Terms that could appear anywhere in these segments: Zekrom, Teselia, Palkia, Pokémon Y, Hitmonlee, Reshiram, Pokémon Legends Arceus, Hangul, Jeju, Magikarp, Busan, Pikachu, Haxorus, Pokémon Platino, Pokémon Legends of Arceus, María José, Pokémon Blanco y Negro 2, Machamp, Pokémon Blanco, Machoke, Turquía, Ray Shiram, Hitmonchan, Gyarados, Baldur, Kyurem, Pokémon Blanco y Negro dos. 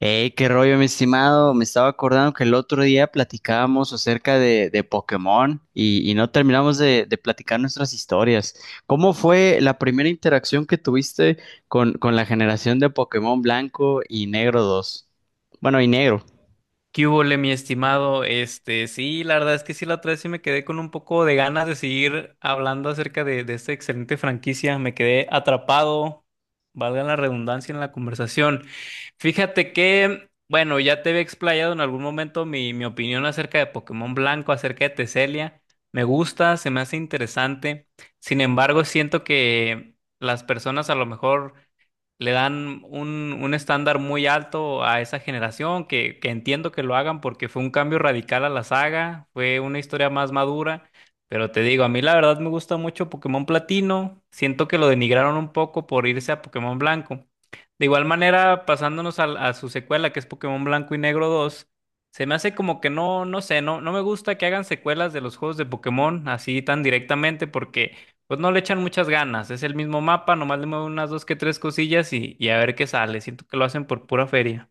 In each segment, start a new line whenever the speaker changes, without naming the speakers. Hey, qué rollo, mi estimado. Me estaba acordando que el otro día platicábamos acerca de Pokémon y no terminamos de platicar nuestras historias. ¿Cómo fue la primera interacción que tuviste con la generación de Pokémon Blanco y Negro dos? Bueno, y Negro.
¿Qué hubole, mi estimado? Sí, la verdad es que sí, la otra vez sí me quedé con un poco de ganas de seguir hablando acerca de esta excelente franquicia. Me quedé atrapado, valga la redundancia en la conversación. Fíjate que, bueno, ya te había explayado en algún momento mi opinión acerca de Pokémon Blanco, acerca de Teselia. Me gusta, se me hace interesante. Sin embargo, siento que las personas a lo mejor le dan un estándar muy alto a esa generación, que entiendo que lo hagan porque fue un cambio radical a la saga, fue una historia más madura, pero te digo, a mí la verdad me gusta mucho Pokémon Platino, siento que lo denigraron un poco por irse a Pokémon Blanco. De igual manera, pasándonos a su secuela, que es Pokémon Blanco y Negro dos. Se me hace como que no, no sé, no, no me gusta que hagan secuelas de los juegos de Pokémon así tan directamente, porque pues no le echan muchas ganas, es el mismo mapa, nomás le mueven unas dos que tres cosillas y a ver qué sale. Siento que lo hacen por pura feria.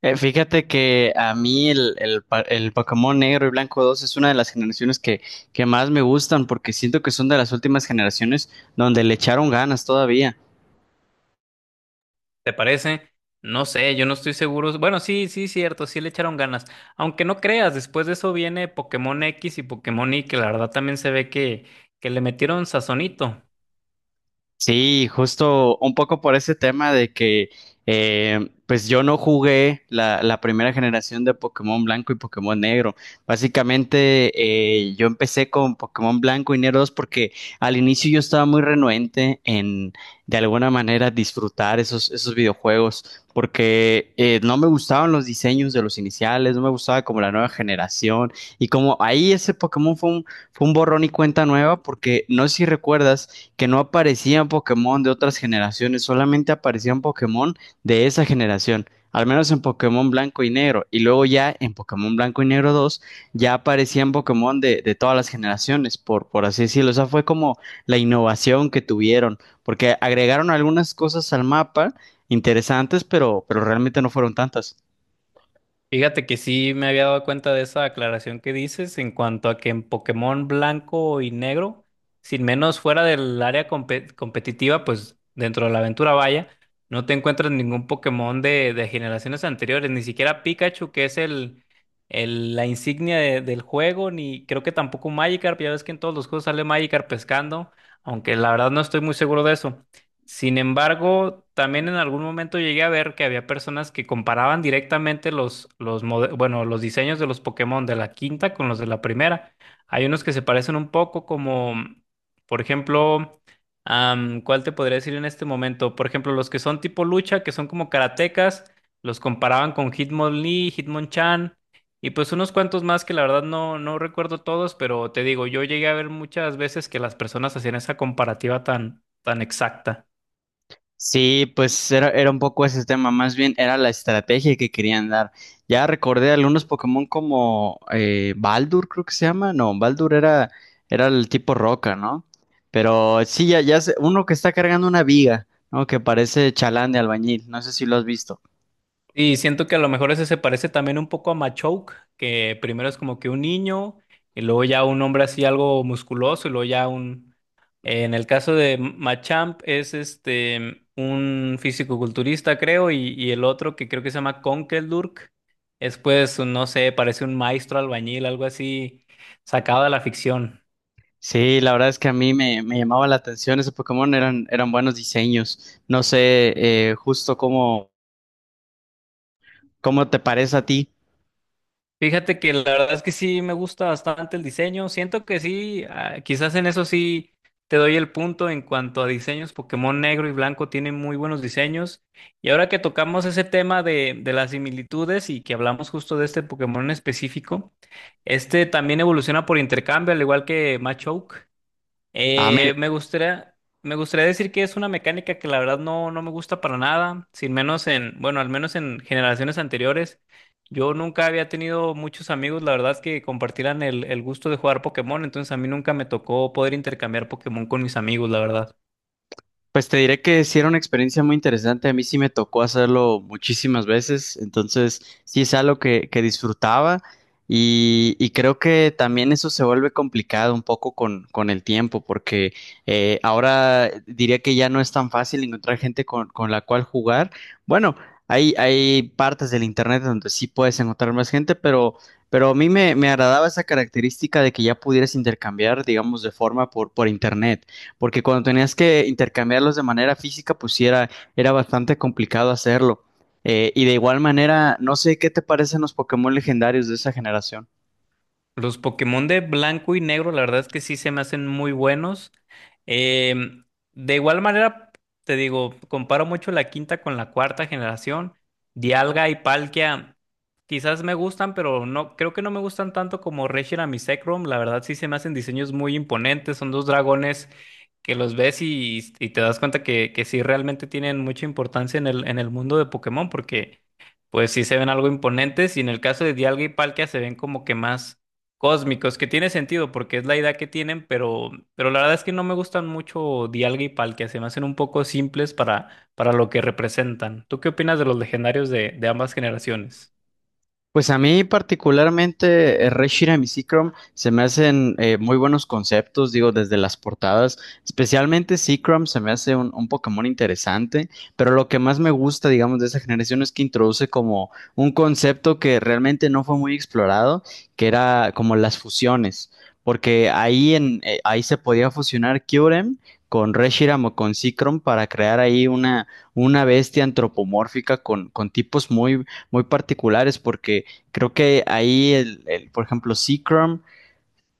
Fíjate que a mí el Pokémon Negro y Blanco 2 es una de las generaciones que más me gustan porque siento que son de las últimas generaciones donde le echaron ganas todavía.
¿Te parece? No sé, yo no estoy seguro. Bueno, sí, sí, cierto, sí le echaron ganas. Aunque no creas, después de eso viene Pokémon X y Pokémon Y, que la verdad también se ve que le metieron sazonito.
Sí, justo un poco por ese tema de que, pues yo no jugué la primera generación de Pokémon Blanco y Pokémon Negro. Básicamente, yo empecé con Pokémon Blanco y Negro 2 porque al inicio yo estaba muy renuente en, de alguna manera, disfrutar esos videojuegos, porque no me gustaban los diseños de los iniciales, no me gustaba como la nueva generación. Y como ahí ese Pokémon fue un borrón y cuenta nueva, porque no sé si recuerdas que no aparecían Pokémon de otras generaciones, solamente aparecían Pokémon de esa generación, al menos en Pokémon Blanco y Negro, y luego ya en Pokémon Blanco y Negro 2 ya aparecían Pokémon de todas las generaciones, por así decirlo, o sea, fue como la innovación que tuvieron, porque agregaron algunas cosas al mapa interesantes, pero realmente no fueron tantas.
Fíjate que sí me había dado cuenta de esa aclaración que dices en cuanto a que en Pokémon Blanco y Negro, sin menos fuera del área competitiva, pues dentro de la aventura vaya, no te encuentras ningún Pokémon de generaciones anteriores, ni siquiera Pikachu, que es la insignia del juego, ni creo que tampoco Magikarp, ya ves que en todos los juegos sale Magikarp pescando, aunque la verdad no estoy muy seguro de eso. Sin embargo, también en algún momento llegué a ver que había personas que comparaban directamente bueno, los diseños de los Pokémon de la quinta con los de la primera. Hay unos que se parecen un poco como, por ejemplo, ¿cuál te podría decir en este momento? Por ejemplo, los que son tipo lucha, que son como karatecas, los comparaban con Hitmonlee, Hitmonchan y pues unos cuantos más que la verdad no, no recuerdo todos, pero te digo, yo llegué a ver muchas veces que las personas hacían esa comparativa tan, tan exacta.
Sí, era un poco ese tema, más bien era la estrategia que querían dar. Ya recordé algunos Pokémon como Baldur, creo que se llama, no, era el tipo roca, ¿no? Pero sí, ya, uno que está cargando una viga, ¿no? Que parece chalán de albañil, no sé si lo has visto.
Y siento que a lo mejor ese se parece también un poco a Machoke, que primero es como que un niño, y luego ya un hombre así algo musculoso. En el caso de Machamp es un fisicoculturista, creo, y el otro que creo que se llama Conkeldurk, es pues, no sé, parece un maestro albañil, algo así sacado de la ficción.
Sí, la verdad es que a mí me llamaba la atención ese Pokémon, eran buenos diseños. No sé justo cómo, cómo te parece a ti.
Fíjate que la verdad es que sí me gusta bastante el diseño. Siento que sí, ah, quizás en eso sí te doy el punto en cuanto a diseños. Pokémon Negro y Blanco tienen muy buenos diseños. Y ahora que tocamos ese tema de las similitudes y que hablamos justo de este Pokémon en específico, este también evoluciona por intercambio, al igual que Machoke.
A mí
Eh, me gustaría, me gustaría decir que es una mecánica que la verdad no, no me gusta para nada, sin menos en, bueno, al menos en generaciones anteriores. Yo nunca había tenido muchos amigos, la verdad, que compartieran el gusto de jugar Pokémon, entonces a mí nunca me tocó poder intercambiar Pokémon con mis amigos, la verdad.
pues te diré que sí era una experiencia muy interesante. A mí sí me tocó hacerlo muchísimas veces. Entonces, sí es algo que disfrutaba. Y creo que también eso se vuelve complicado un poco con el tiempo, porque ahora diría que ya no es tan fácil encontrar gente con la cual jugar. Bueno, hay partes del internet donde sí puedes encontrar más gente, pero a mí me agradaba esa característica de que ya pudieras intercambiar, digamos, por internet porque cuando tenías que intercambiarlos de manera física, era bastante complicado hacerlo. Y de igual manera, no sé qué te parecen los Pokémon legendarios de esa generación.
Los Pokémon de Blanco y Negro, la verdad es que sí se me hacen muy buenos. Em, de igual manera, te digo, comparo mucho la quinta con la cuarta generación. Dialga y Palkia. Quizás me gustan, pero no, creo que no me gustan tanto como Reshiram y Zekrom. La verdad sí se me hacen diseños muy imponentes. Son dos dragones que los ves y te das cuenta que sí realmente tienen mucha importancia en el mundo de Pokémon, porque pues sí se ven algo imponentes. Y en el caso de Dialga y Palkia se ven como que más cósmicos, que tiene sentido porque es la idea que tienen, pero la verdad es que no me gustan mucho Dialga y Palkia. Se me hacen un poco simples para lo que representan. ¿Tú qué opinas de los legendarios de ambas generaciones?
Pues a mí particularmente Ray Shiram y Seacrom se me hacen muy buenos conceptos, digo, desde las portadas. Especialmente Seacrom se me hace un Pokémon interesante, pero lo que más me gusta, digamos, de esa generación es que introduce como un concepto que realmente no fue muy explorado, que era como las fusiones, porque ahí se podía fusionar Kyurem con Reshiram o con Seacrom para crear una bestia antropomórfica con tipos muy particulares porque creo que ahí, por ejemplo, Seacrom,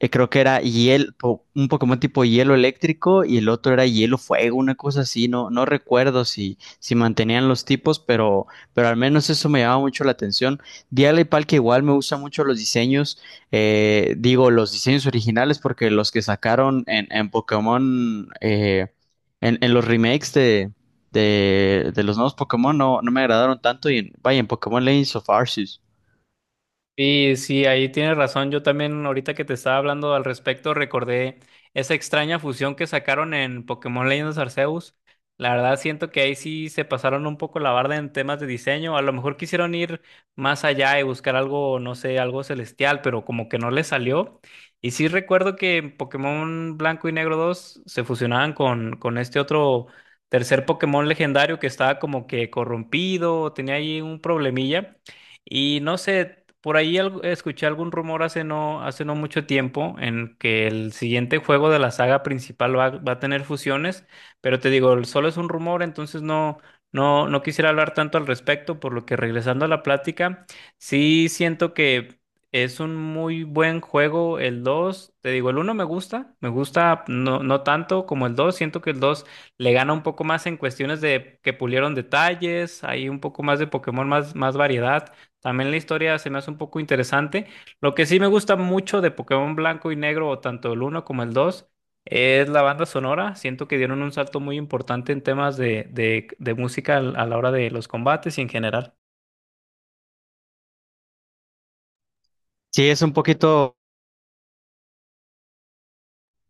creo que era un Pokémon tipo hielo eléctrico y el otro era hielo fuego, una cosa así. No recuerdo si mantenían los tipos, pero al menos eso me llamaba mucho la atención. Dialga y Palkia igual me gustan mucho los diseños, digo, los diseños originales, porque los que sacaron en los remakes de los nuevos Pokémon no me agradaron tanto vaya, en Pokémon Legends of Arceus.
Y sí, ahí tienes razón. Yo también ahorita que te estaba hablando al respecto, recordé esa extraña fusión que sacaron en Pokémon Legends Arceus. La verdad siento que ahí sí se pasaron un poco la barda en temas de diseño. A lo mejor quisieron ir más allá y buscar algo, no sé, algo celestial, pero como que no les salió. Y sí recuerdo que en Pokémon Blanco y Negro dos se fusionaban con este otro tercer Pokémon legendario que estaba como que corrompido, tenía ahí un problemilla. Y no sé, escuché algún rumor hace no mucho tiempo en que el siguiente juego de la saga principal va a tener fusiones, pero te digo, solo es un rumor, entonces no, no, no quisiera hablar tanto al respecto, por lo que regresando a la plática, sí siento que es un muy buen juego el dos, te digo. El uno me gusta no, no tanto como el dos. Siento que el 2 le gana un poco más en cuestiones de que pulieron detalles, hay un poco más de Pokémon, más variedad. También la historia se me hace un poco interesante. Lo que sí me gusta mucho de Pokémon Blanco y Negro, o tanto el uno como el dos, es la banda sonora. Siento que dieron un salto muy importante en temas de música a la hora de los combates y en general.
Sí,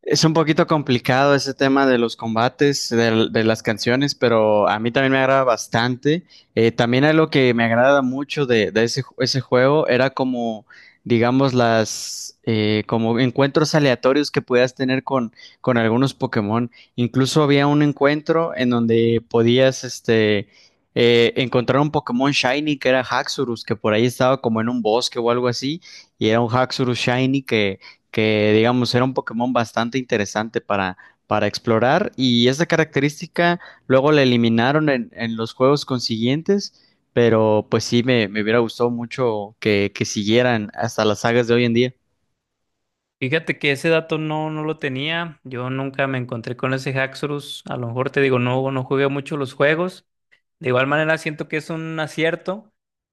es un poquito complicado ese tema de los combates, las canciones, pero a mí también me agrada bastante. También algo que me agrada mucho de ese, ese juego era como, digamos, las como encuentros aleatorios que podías tener con algunos Pokémon. Incluso había un encuentro en donde podías encontrar un Pokémon Shiny que era Haxorus, que por ahí estaba como en un bosque o algo así, y era un Haxorus Shiny que digamos era un Pokémon bastante interesante para explorar y esta característica luego la eliminaron en los juegos consiguientes, pero pues sí me hubiera gustado mucho que siguieran hasta las sagas de hoy en día.
Fíjate que ese dato no, no lo tenía. Yo nunca me encontré con ese Haxorus. A lo mejor te digo, no, no jugué mucho los juegos. De igual manera, siento que es un acierto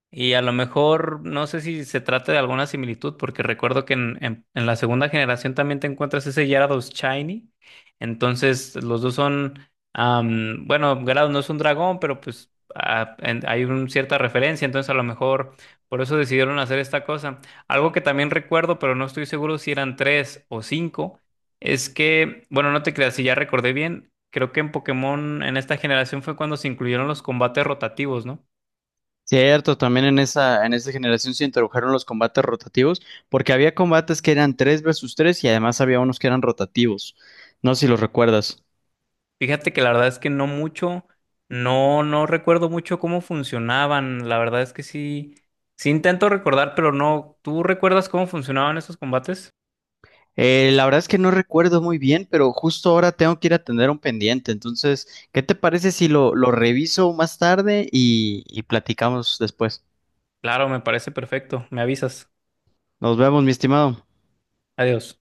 y a lo mejor no sé si se trata de alguna similitud, porque recuerdo que en la segunda generación también te encuentras ese Gyarados Shiny. Entonces, los dos son, bueno, Gyarados no es un dragón, pero pues ah, hay una cierta referencia, entonces a lo mejor por eso decidieron hacer esta cosa. Algo que también recuerdo, pero no estoy seguro si eran tres o cinco. Es que, bueno, no te creas, si ya recordé bien, creo que en Pokémon en esta generación fue cuando se incluyeron los combates rotativos, ¿no?
Cierto, también en esa generación se introdujeron los combates rotativos, porque había combates que eran 3 versus 3 y además había unos que eran rotativos. No sé si los recuerdas.
Fíjate que la verdad es que no mucho, no, no recuerdo mucho cómo funcionaban, la verdad es que sí, sí intento recordar, pero no, ¿tú recuerdas cómo funcionaban esos combates?
La verdad es que no recuerdo muy bien, pero justo ahora tengo que ir a atender un pendiente. Entonces, ¿qué te parece si lo reviso más tarde y platicamos después?
Claro, me parece perfecto, me avisas,
Nos vemos, mi estimado.
adiós.